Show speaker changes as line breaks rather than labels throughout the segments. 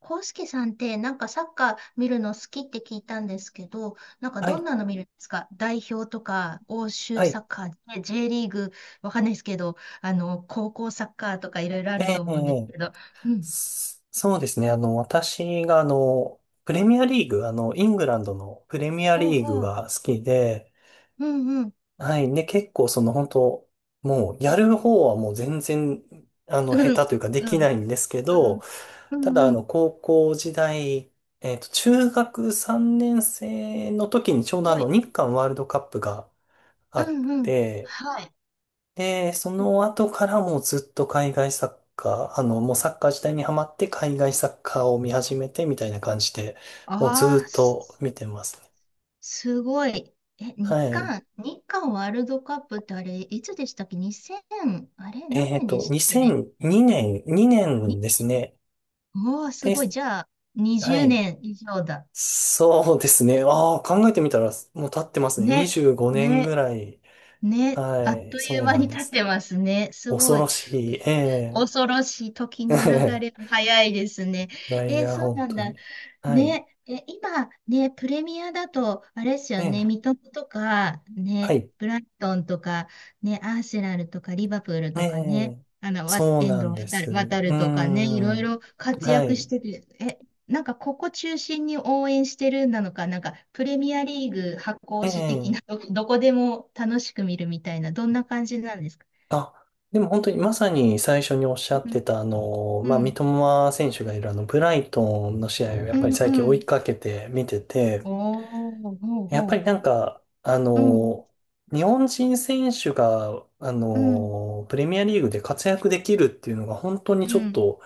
コウスケさんってなんかサッカー見るの好きって聞いたんですけど、なんか
は
どん
い、
なの見るんですか？代表とか、欧州
はい、
サッカー、ね、 J リーグ、わかんないですけど、高校サッカーとかいろいろある
え
と
え、
思うんですけど。うん。
そうですね。私が、プレミアリーグ、イングランドのプレミア
ほう
リーグ
ほう。
が好きで、
うんうん。
はい、で、結構、本当もう、やる方はもう全然、
う
下
ん。
手というか、で
う
きな
ん。
いんですけ
う
ど、
ん。う
た
ん
だ、
うん。
高校時代、中学3年生の時に、ちょうど、
はい。
日韓ワールドカップがあ
う
っ
んうん。
て、
はい。
で、その後からもうずっと海外サッカー、もうサッカー自体にハマって海外サッカーを見始めてみたいな感じで、もう
あ
ず
あ、
っと見てますね。
すごい。え、
はい。
日韓ワールドカップってあれ、いつでしたっけ？ 2000、あれ何年でしたっけあれ？
2002年、2年ですね。
おー、す
で
ごい。
す。
じゃあ、
は
20
い。
年以上だ。
そうですね。ああ、考えてみたら、もう経ってますね。
ね、
25年ぐ
ね、
らい。
ね。
は
あっ
い。
という
そう
間
な
に
んで
経っ
す。
てますね。す
恐
ごい。
ろしい。え
恐ろしい、時の流
え
れ も早いですね。
いやい
え
や、
そう
本
なん
当
だ。
に。はい。
ね、え、今ね、プレミアだと、あれです
え
よね、
え
三笘とか、
は
ね、
い。
ブライトンとか、ね、アーセナルとか、リバプール
え
とかね、
え、そう
遠
なん
藤、
です。う
渡
ー
るとかね、いろい
ん。
ろ活
は
躍し
い。
てる。え、なんかここ中心に応援してるなのか、なんかプレミアリーグ発
え
行し的
え。
な、どこでも楽しく見るみたいな、どんな感じなんですか？
あ、でも本当にまさに最初におっしゃっ
うん、
てた、
う
まあ、三
ん、
笘選手がいるブライトンの試合をや
う
っぱり
ん、
最
う
近追い
ん。
かけて見てて、
おー、ほう
やっぱり
ほ
なんか、
う。うん、
日本人選手が、
うん、
プレミアリーグで活躍できるっていうのが本当に
う
ちょっ
ん、
と、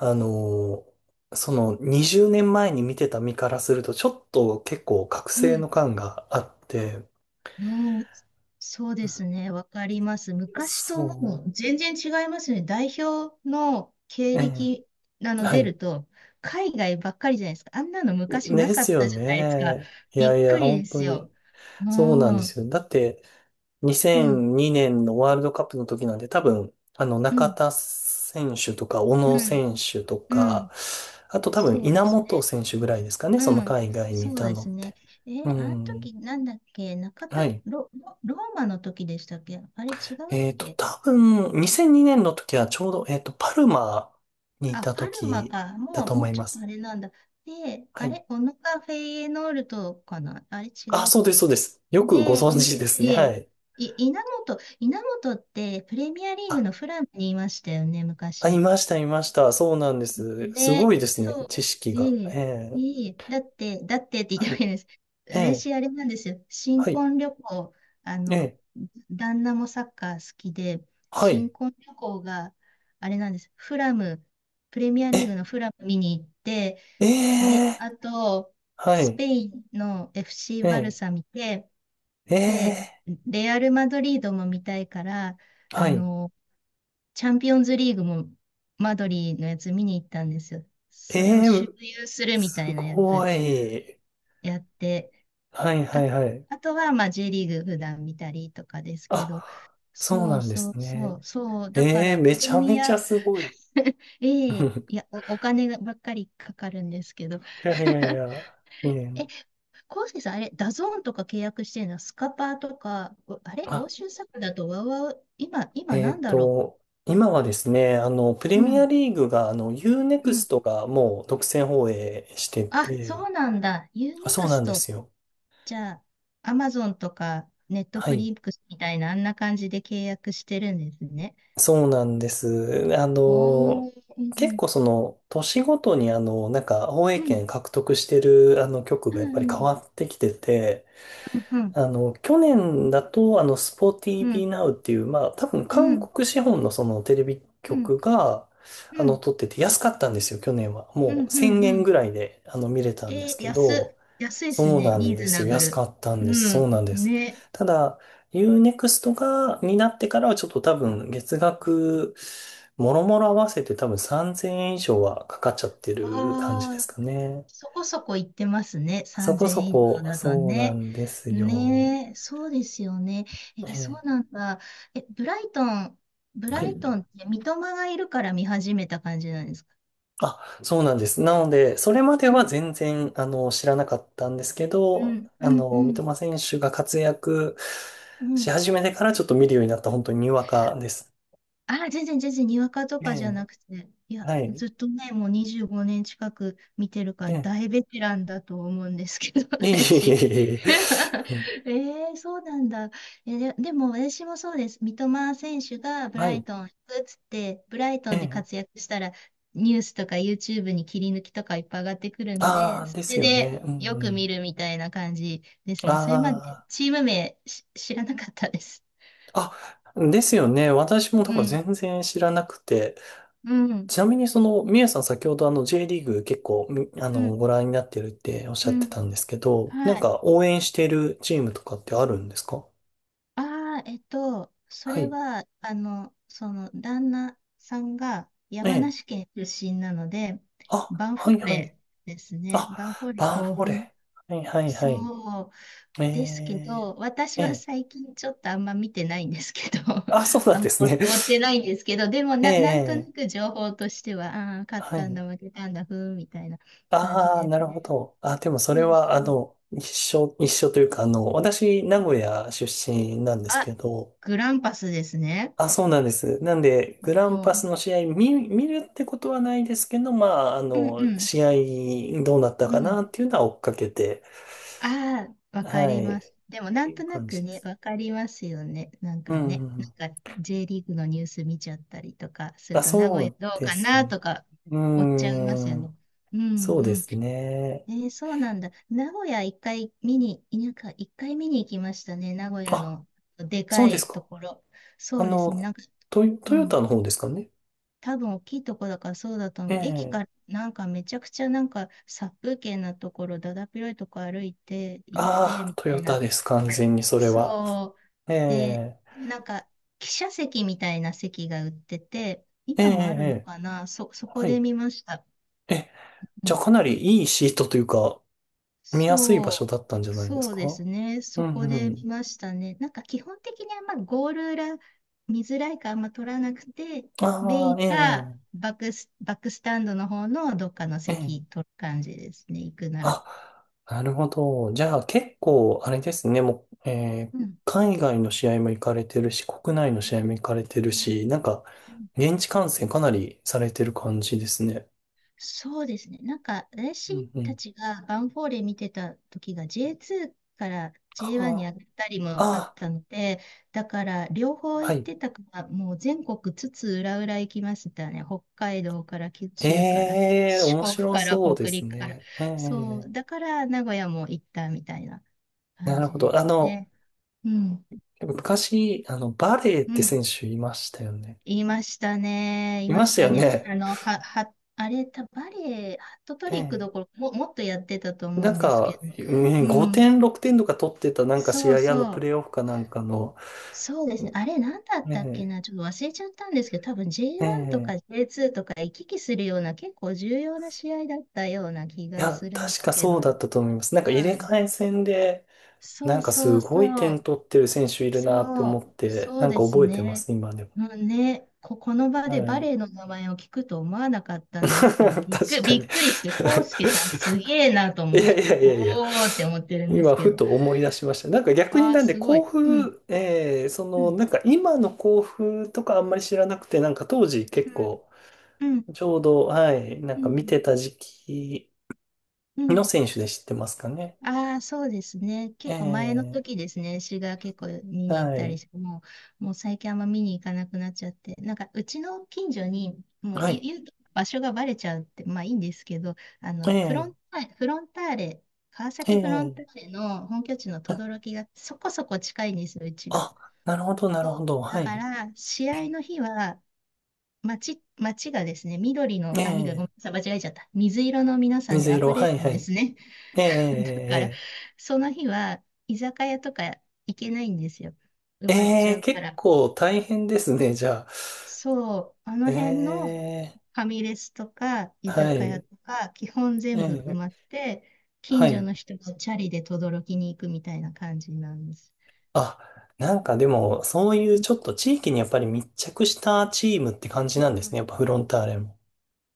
あのその20年前に見てた身からすると、ちょっと結構覚
う
醒の
ん、
感があって、
うん。そうですね。わかります。昔とも
そ
う全然違いますね。代表の
う、
経
ええ、
歴、
は
出
い。
ると、海外ばっかりじゃないですか。あんなの昔な
で
か
す
っ
よ
たじゃないですか。
ね。い
び
やい
っ
や、
くり
本
で
当
すよ。
に。
う
そう
ん、
なんで
うん、
すよ。だって、
うん、
2002年のワールドカップの時なんで、多分、中田選手とか、小
う
野
ん、
選手と
う
か、
ん。
あと多分、
そうで
稲
す
本
ね。
選手ぐらいですかね、その
うん、
海外に
そ
い
う
た
で
の
す
っ
ね。
て。
え
う
ー、あの
ん。
時なんだっけ、中
は
田、
い。
ロローマの時でしたっけ、あれ違うっけ？
多分、2002年の時はちょうど、パルマにい
あ、
た
パルマ
時
か。
だと
も
思
う
い
ちょ
ま
っとあ
す。
れなんだ。で、
は
あ
い。
れ、オノカフェイエノールトかな、あれ違
あ、
うっ
そうです、そ
け？
うです。よくご
で、
存
い、
知ですね。
い
は
え、
い。
い、稲本、稲本ってプレミアリーグ
あ、
のフラムにいましたよね、
あ、い
昔。
ました、いました。そうなんです。すご
で、
いですね、
そ
知識
う、
が。
え
え
え、
え、
ええ、だってって言
は
っ
い。
てもいいです。
ええ、
私、あれなんですよ。新
はい。
婚旅行、あ
え
の、
え、
旦那もサッカー好きで、
は
新
い。
婚旅行が、あれなんです。フラム、プレミア
え、
リーグのフラム見に行って、
え
で、
え、
あと、
は
ス
い。
ペインの FC
え
バル
え、
サ見て、
え
で、
え、
レアル・マドリードも見たいから、あ
はい。
の、チャンピオンズリーグもマドリーのやつ見に行ったんですよ。それを
ええ、
周遊するみた
す
いなやつ
ごい。
やって、
はい、は
あ、
い、はい。
あとは、まあ、J リーグ普段見たりとかですけど、
あ、そうなんですね。
そう、だか
ええ
ら、
め
プ
ち
レ
ゃめ
ミ
ちゃ
ア、
すごい。い
ええ、いや、お金ばっかりかかるんですけど。
やいやい や。ね
え、コウスケさん、あれ、ダゾーンとか契約してるの？スカパーとか、おあれ、欧
あ、
州サッカーだと、ワウワウ、今なんだろ
今はですね、プレ
う。う
ミア
ん、
リーグが、
うん。
U-NEXT がもう独占放映して
あ、
て、
そうなんだ。ユー
あ、
ネ
そ
ク
うな
ス
んで
ト、
すよ。
じゃあ、アマゾンとか、ネット
は
フ
い。
リックスみたいな、あんな感じで契約してるんですね。
そうなんです。あ
お
の、
ー、うん、う
結
ん、
構その、年ごとになんか、放映
うん、
権獲得してる、局
う
がやっぱり変
ん、
わってきてて、
うん、
去年だと、スポーティ
う
ービー
ん、
ナウっていう、まあ、多分
う
韓
ん、
国資本のそのテレビ
うん、うん、うん、
局が、撮ってて安かったんですよ、去年は。
うん。
もう1000
う
円
ん、
ぐらいで、見れたんです
えー、
けど、
安いです
そう
ね。
な
リ
ん
ー
で
ズ
す
ナ
よ。
ブ
安か
ル。
ったん
う
です。
ん、
そうなんです。
ね。
ただ、U-NEXT が、になってからはちょっと多分月額、もろもろ合わせて多分3000円以上はかかっちゃってる感じで
あ
す
あ、
かね。
そこそこ行ってますね。
そこ
3000
そ
円以上
こ、
だと
そうな
ね。
んですよ。
ねえ、そうですよね。え、そうなんだ。え、ブ
は
ラ
い。
イトンって三笘がいるから見始めた感じなんですか？
あ、そうなんです。なので、それまで
う
は
ん、
全然、知らなかったんですけ
う
ど、
ん、うん、う
三
ん、
笘選手が活躍
う
し
ん。
始めてからちょっと見るようになった本当ににわかです。
ああ、全然全然、にわかと
え
かじゃ
え、
なくて、いや、
はい。
ずっとね、もう25年近く見てるか
え
ら
え、
大ベテランだと思うんですけど、
いえいえいえ
私。
いえいえ うん
えー、そうなんだ。え、でも私もそうです。三笘選手がブ
は
ライ
い。
トン行くっつって、ブライト
え
ンで
え、
活躍したら、ニュースとか YouTube に切り抜きとかいっぱい上がってくるん
あ
で、
あ、
そ
です
れ
よね。
で
うん
よ
う
く見
ん。
るみたいな感じですね。それまで
あ
チーム名し知らなかったです。
あ、あ、ですよね。私もだか
う
ら
ん、
全然知らなくて。
うん、
ちなみにその、みやさん先ほどあの J リーグ結構み、
うん、
ご覧になってるっておっしゃ
う
って
ん。
たんですけど、なん
はい。
か応援してるチームとかってあるんですか？
ああ、えっと、そ
は
れ
い。
は、旦那さんが
え
山
え。
梨県出身なので、
あ、
バンフ
は
ォ
い
ー
はい。
レですね。バンフォ
あ、
ーレ
バン
甲
フォー
府。
レ。はいはいはい。
そう。
え
ですけ
え。
ど、私
え
は
え。
最近ちょっとあんま見てないんですけど、
あ、そうな
あ
んで
ん
す
ま
ね。
追ってないんですけど、でも、
ええ。
なんと
え
な
え
く情報としては、ああー、勝っ
は
たん
い。
だ、負けたんだ、ふーん、みたいな感じ
ああ、
です
なるほ
ね。
ど。あ、でもそれ
そう
は
そ
あ
う。
の、一緒、一緒というかあの、私、名古屋出身なんですけ
あ、
ど、
グランパスですね。
あ、そうなんです。なんで、
お
グランパ
ー、
スの試合見、見るってことはないですけど、まあ、
うんうん。
試合どうなった
う
かな
ん。
っていうのは追っかけて、
ああ、わか
は
り
い、っ
ます。でも、な
てい
ん
う
とな
感
く
じで
ね、
す。
わかりますよね。なん
う
かね、
ん。
なんか J リーグのニュース見ちゃったりとかする
あ、
と、名
そ
古屋
う
どう
で
か
す
な
ね。
とか、
う
追っちゃいますよ
ん。
ね。うんう
そうで
ん。
すね。
えー、そうなんだ。名古屋一回見に、なんか一回見に行きましたね。名古屋
あ、
ので
そ
か
うです
いと
か。
ころ。そ
あ
うですね。な
の、
んか、
トヨ、
う
トヨ
ん。
タの方ですかね。
多分大きいとこだからそうだと思
え
う。駅から
え。
なんかめちゃくちゃなんか殺風景なところ、だだっ広いとこ歩いて行って
ああ、
み
ト
た
ヨ
い
タ
な。
です。完全にそれは。
そう。
え
で、
え。
なんか記者席みたいな席が売ってて、
ええ、
今
ええ、
もあるの
ええ
かな、そこ
は
で
い。
見ました。
え、
う
じゃあ
ん。
かなりいいシートというか、見やすい場所
そ
だったんじゃないで
そ
す
うで
か？
すね。
うん
そこ
う
で見
ん。
ましたね。なんか基本的にあんまゴール裏見づらいからあんま取らなくて、メ
あ
イ
あ、
ン
ええ、
かバックスタンドの方のどっかの
ええ。
席取る感じですね。行くなら。
あ、なるほど。じゃあ結構、あれですね、もう、え
う
ー
ん。
海外の試合も行かれてるし、国内の試合も行かれてる
うん、
し、なんか、現地観戦かなりされてる感じですね。
そうですね。なんか、
う
私
んう
た
ん。
ちがヴァンフォーレ見てた時が J2 から J1 に
あ
上がったり
あ、
もあっ
あ
たので、だから両方
あ、は
行っ
い。
てたから、もう全国津々浦々行きましたね。北海道から九州から
ええ、
四
面
国
白
から
そうで
北
す
陸から。
ね。え
そう、
え、
だから名古屋も行ったみたいな
な
感
る
じ
ほ
で
ど。
すね。うん。
昔、バレーっ
う
て
ん。
選手いましたよね。
いましたね。い
い
ま
ま
し
した
た
よ
ね。
ね。
あの、は、は、あれ、た、バレエ、ハットトリッ
え
クどころ、もっとやってたと
え。
思
な
う
ん
んですけ
か、
ど。
うん、
う
5
ん。
点、6点とか取ってたなんか
そ
試
う
合、
そ
プレ
う。
イオフかなんかの、
そうですね。あれ、なんだったっけ
え
な。ちょっと忘れちゃったんですけど、多分
え、え
J1 とか
え。
J2 とか行き来するような、結構重要な試合だったような気
い
が
や、
するん
確
だ
か
けど。
そう
う
だったと思います。なんか入れ
ん。
替え戦で、な
そう
んか
そ
す
う
ごい
そ
点
う。
取ってる選手いるなって思って、
そ
な
う
ん
で
か
す
覚えてま
ね。
す、今でも。
もうんね、この場
は
でバレ
い。
エの名前を聞くと思わなかっ たんで
確
すけど、
か
び
に
っく りして、コウスケさんすげえなと
い
思っ
や
て、
いや い
お
やいや。
ーって思ってるんです
今、
け
ふ
ど。
と思い出しました。なんか逆
あ
に
あ、
なんで、
すご
甲
い。うん、
府、えー、そ
う
の、
ん、
なんか今の甲府とかあんまり知らなくて、なんか当時結構、
うん、うん、
ちょうど、はい、な
う
んか見
ん、
てた時期
う
の
ん。
選手で知ってますかね。
ああ、そうですね。
え
結構前の
え、
時ですね。詩が結構見に行っ
は
たり
い、
して、もう最近あんま見に行かなくなっちゃって、なんかうちの近所に、もう
はい、
言うと場所がバレちゃうって、まあいいんですけど、
ええ、
フロンターレ、川
え
崎フロン
え、
ターレの本拠地の等
あ、
々力がそこそこ近いんですよ、うちが。
あなるほど、なるほど、
だ
は
か
い、
ら、試合の日は、街がですね、緑
え
の、あ、緑、ごめ
え、
んなさい、間違えちゃった。水色の皆さんで
水
溢
色、
れ
はい、
るん
は
で
い、
すね。
え
だから、
え、
その日は居酒屋とか行けないんですよ。埋
ええ、え
まっち
え、え
ゃ
え
うか
結
ら。
構大変ですね、じゃあ。
そう、あの
え
辺のフ
え、
ァミレスとか居
は
酒屋
い、
とか、基本
え
全部埋まっ
え、
て、
は
近所
い、
の人がチャリで轟きに行くみたいな感じなんです。
あ、なんかでも、そういう
う
ちょっと地域にやっぱり密着したチームって感じなんですね、やっ
ん、
ぱフロンターレも。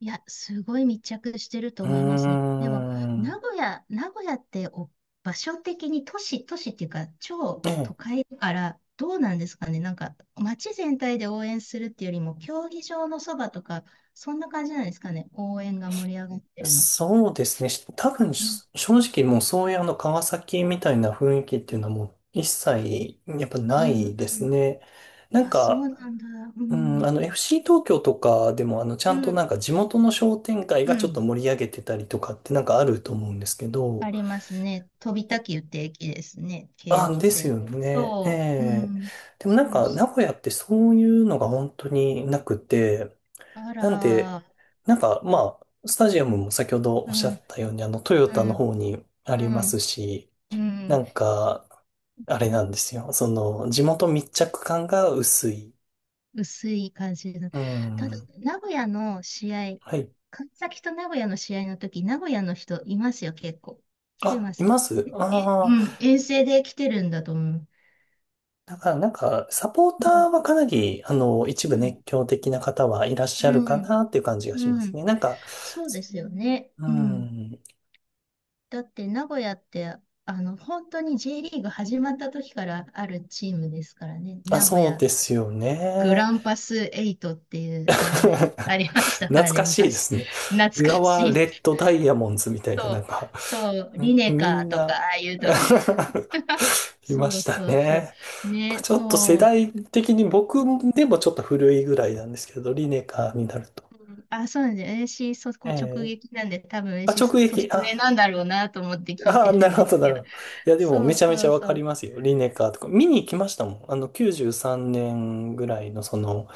いや、すごい密着してると
う
思いますね。
ー
でも、
ん。
名古屋ってお場所的に都市っていうか、超都
え
会だから、どうなんですかね。なんか、街全体で応援するっていうよりも、競技場のそばとか、そんな感じなんですかね。応援が盛り上がって
え、
るの。
そうですね。し多分、
うん、
し正直もうそういうあの川崎みたいな雰囲気っていうのはもう一切やっぱ
う
な
ん、う
いです
ん。
ね。なん
あ、そ
か、
うなんだ。う
うん、
ん、
FC 東京とかでもあのちゃん
う
と
ん、
なんか地元の商店街
う
がちょっと
ん。
盛り上げてたりとかってなんかあると思うんですけ
あ
ど、
りますね。飛び田急って駅ですね。京
あ、
王
です
線。
よね。え
そう、う
え。
ん。
でもなん
そう
か
そ
名古屋ってそういうのが本当になくて、
う。あ
なんで、
ら、
なんかまあ、スタジアムも先ほどお
う
っしゃ
ん。
ったように、トヨ
う
タの
ん、
方にあ
う
りま
ん、
すし、
う
な
ん、
んか、あれなんですよ。その、地元密着感が薄い。
薄い感じの。
う
ただ、
ん。
名古屋の試合、
はい。
川崎と名古屋の試合の時、名古屋の人いますよ、結構。来て
あ、
ま
い
す
ま
よ。
す
え、う
ああ
ん、遠征で来てるんだと思う。
ー、だからなんか、サポータ
うん、
ーはかなり、一
う
部熱
ん、
狂的な方はいらっしゃる
う
か
ん、
なっていう感じがしま
う
す
ん、
ね。なんか、
そうですよね。
う
うん。
ん。
だって名古屋って、本当に J リーグ始まった時からあるチームですからね。
あ、
名古
そう
屋
ですよ
グ
ね。
ランパスエイトってい う名前でありましたか
懐
らね、
かしいで
昔。
すね。
懐か
浦和
しい。
レッドダイヤモンズみたいな、
そ
なん
う、
か、
そう、リネ
み
カ
ん
ーとか、
な
ああいう時。
いま
そう
した
そうそう。
ね。
ね、
ちょっと世
そ
代的に僕でもちょっと古いぐらいなんですけど、リネカーになると。
う。うん、あ、そうなんで、私、そ
え
こ直
え
撃なんで、多分
あ、直
私、
撃。
年
あ、
上なんだろうなと思って聞いて
あ、
る
なる
ん
ほ
で
ど、
す
な
け
るほ
ど。
ど。いや、でも
そ
め
う
ちゃめち
そ
ゃ
う
わ
そ
かり
う。
ますよ。リネカーとか。見に行きましたもん。93年ぐらいのその、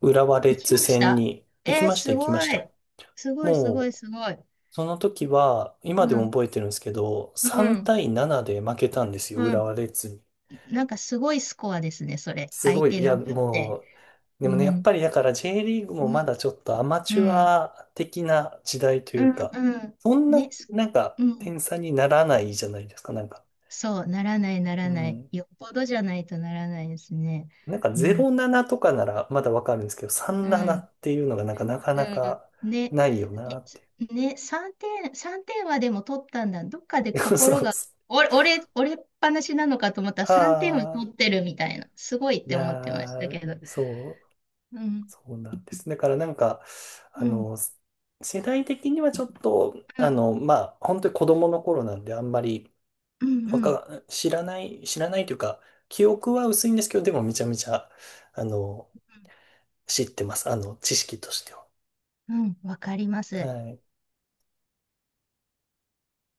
浦和レ
行
ッ
き
ズ
まし
戦
た、
に行き
えー、
ました、
す
行き
ご
ました。
い。すごい、すご
も
い、すごい。
その時は、今で
う
も
ん、
覚えてるんですけど、
う
3
ん、
対7で負けたんですよ、
う
浦
ん。
和レッズに。
なんかすごいスコアですね、それ。
す
相
ごい、
手
い
な
や、
んかっ
も
て。
う、で
う
もね、やっ
ん、
ぱりだから J リーグ
う
もま
ん、
だちょっとアマ
う
チュ
ん、
ア的な時代と
う
いう
ん、
か、
うん。
そんな、
ね、す、
なんか、
う
点
ん。
差にならないじゃないですか、なんか。
そう、ならない、な
う
らない。
ん。
よっぽどじゃないとならないですね。
なんか
うん、
07とかならまだわかるんですけど、
う
37
ん、
っていうのがなんかなか
う
な
ん。
か
ね
ないよな
で
ってい
ね、3点、3点はでも取ったんだ。どっかで
う。そう
心
そう。
が、俺っぱなしなのかと思ったら3点は
あ
取
あ、
ってるみたいな。すごいっ
い
て
や
思ってましたけ
ー、
ど。
そう。そうなんです。だからなんか、あ
うん、
の、世代的にはちょっと、
うん、
まあ、本当に子供の頃なんで、あんまり
うん、うん、
わ
うん、
か、知らない、知らないというか、記憶は薄いんですけど、でもめちゃめちゃ、あの、知ってます。あの、知識としては。
うん、わかりま
は
す。
い。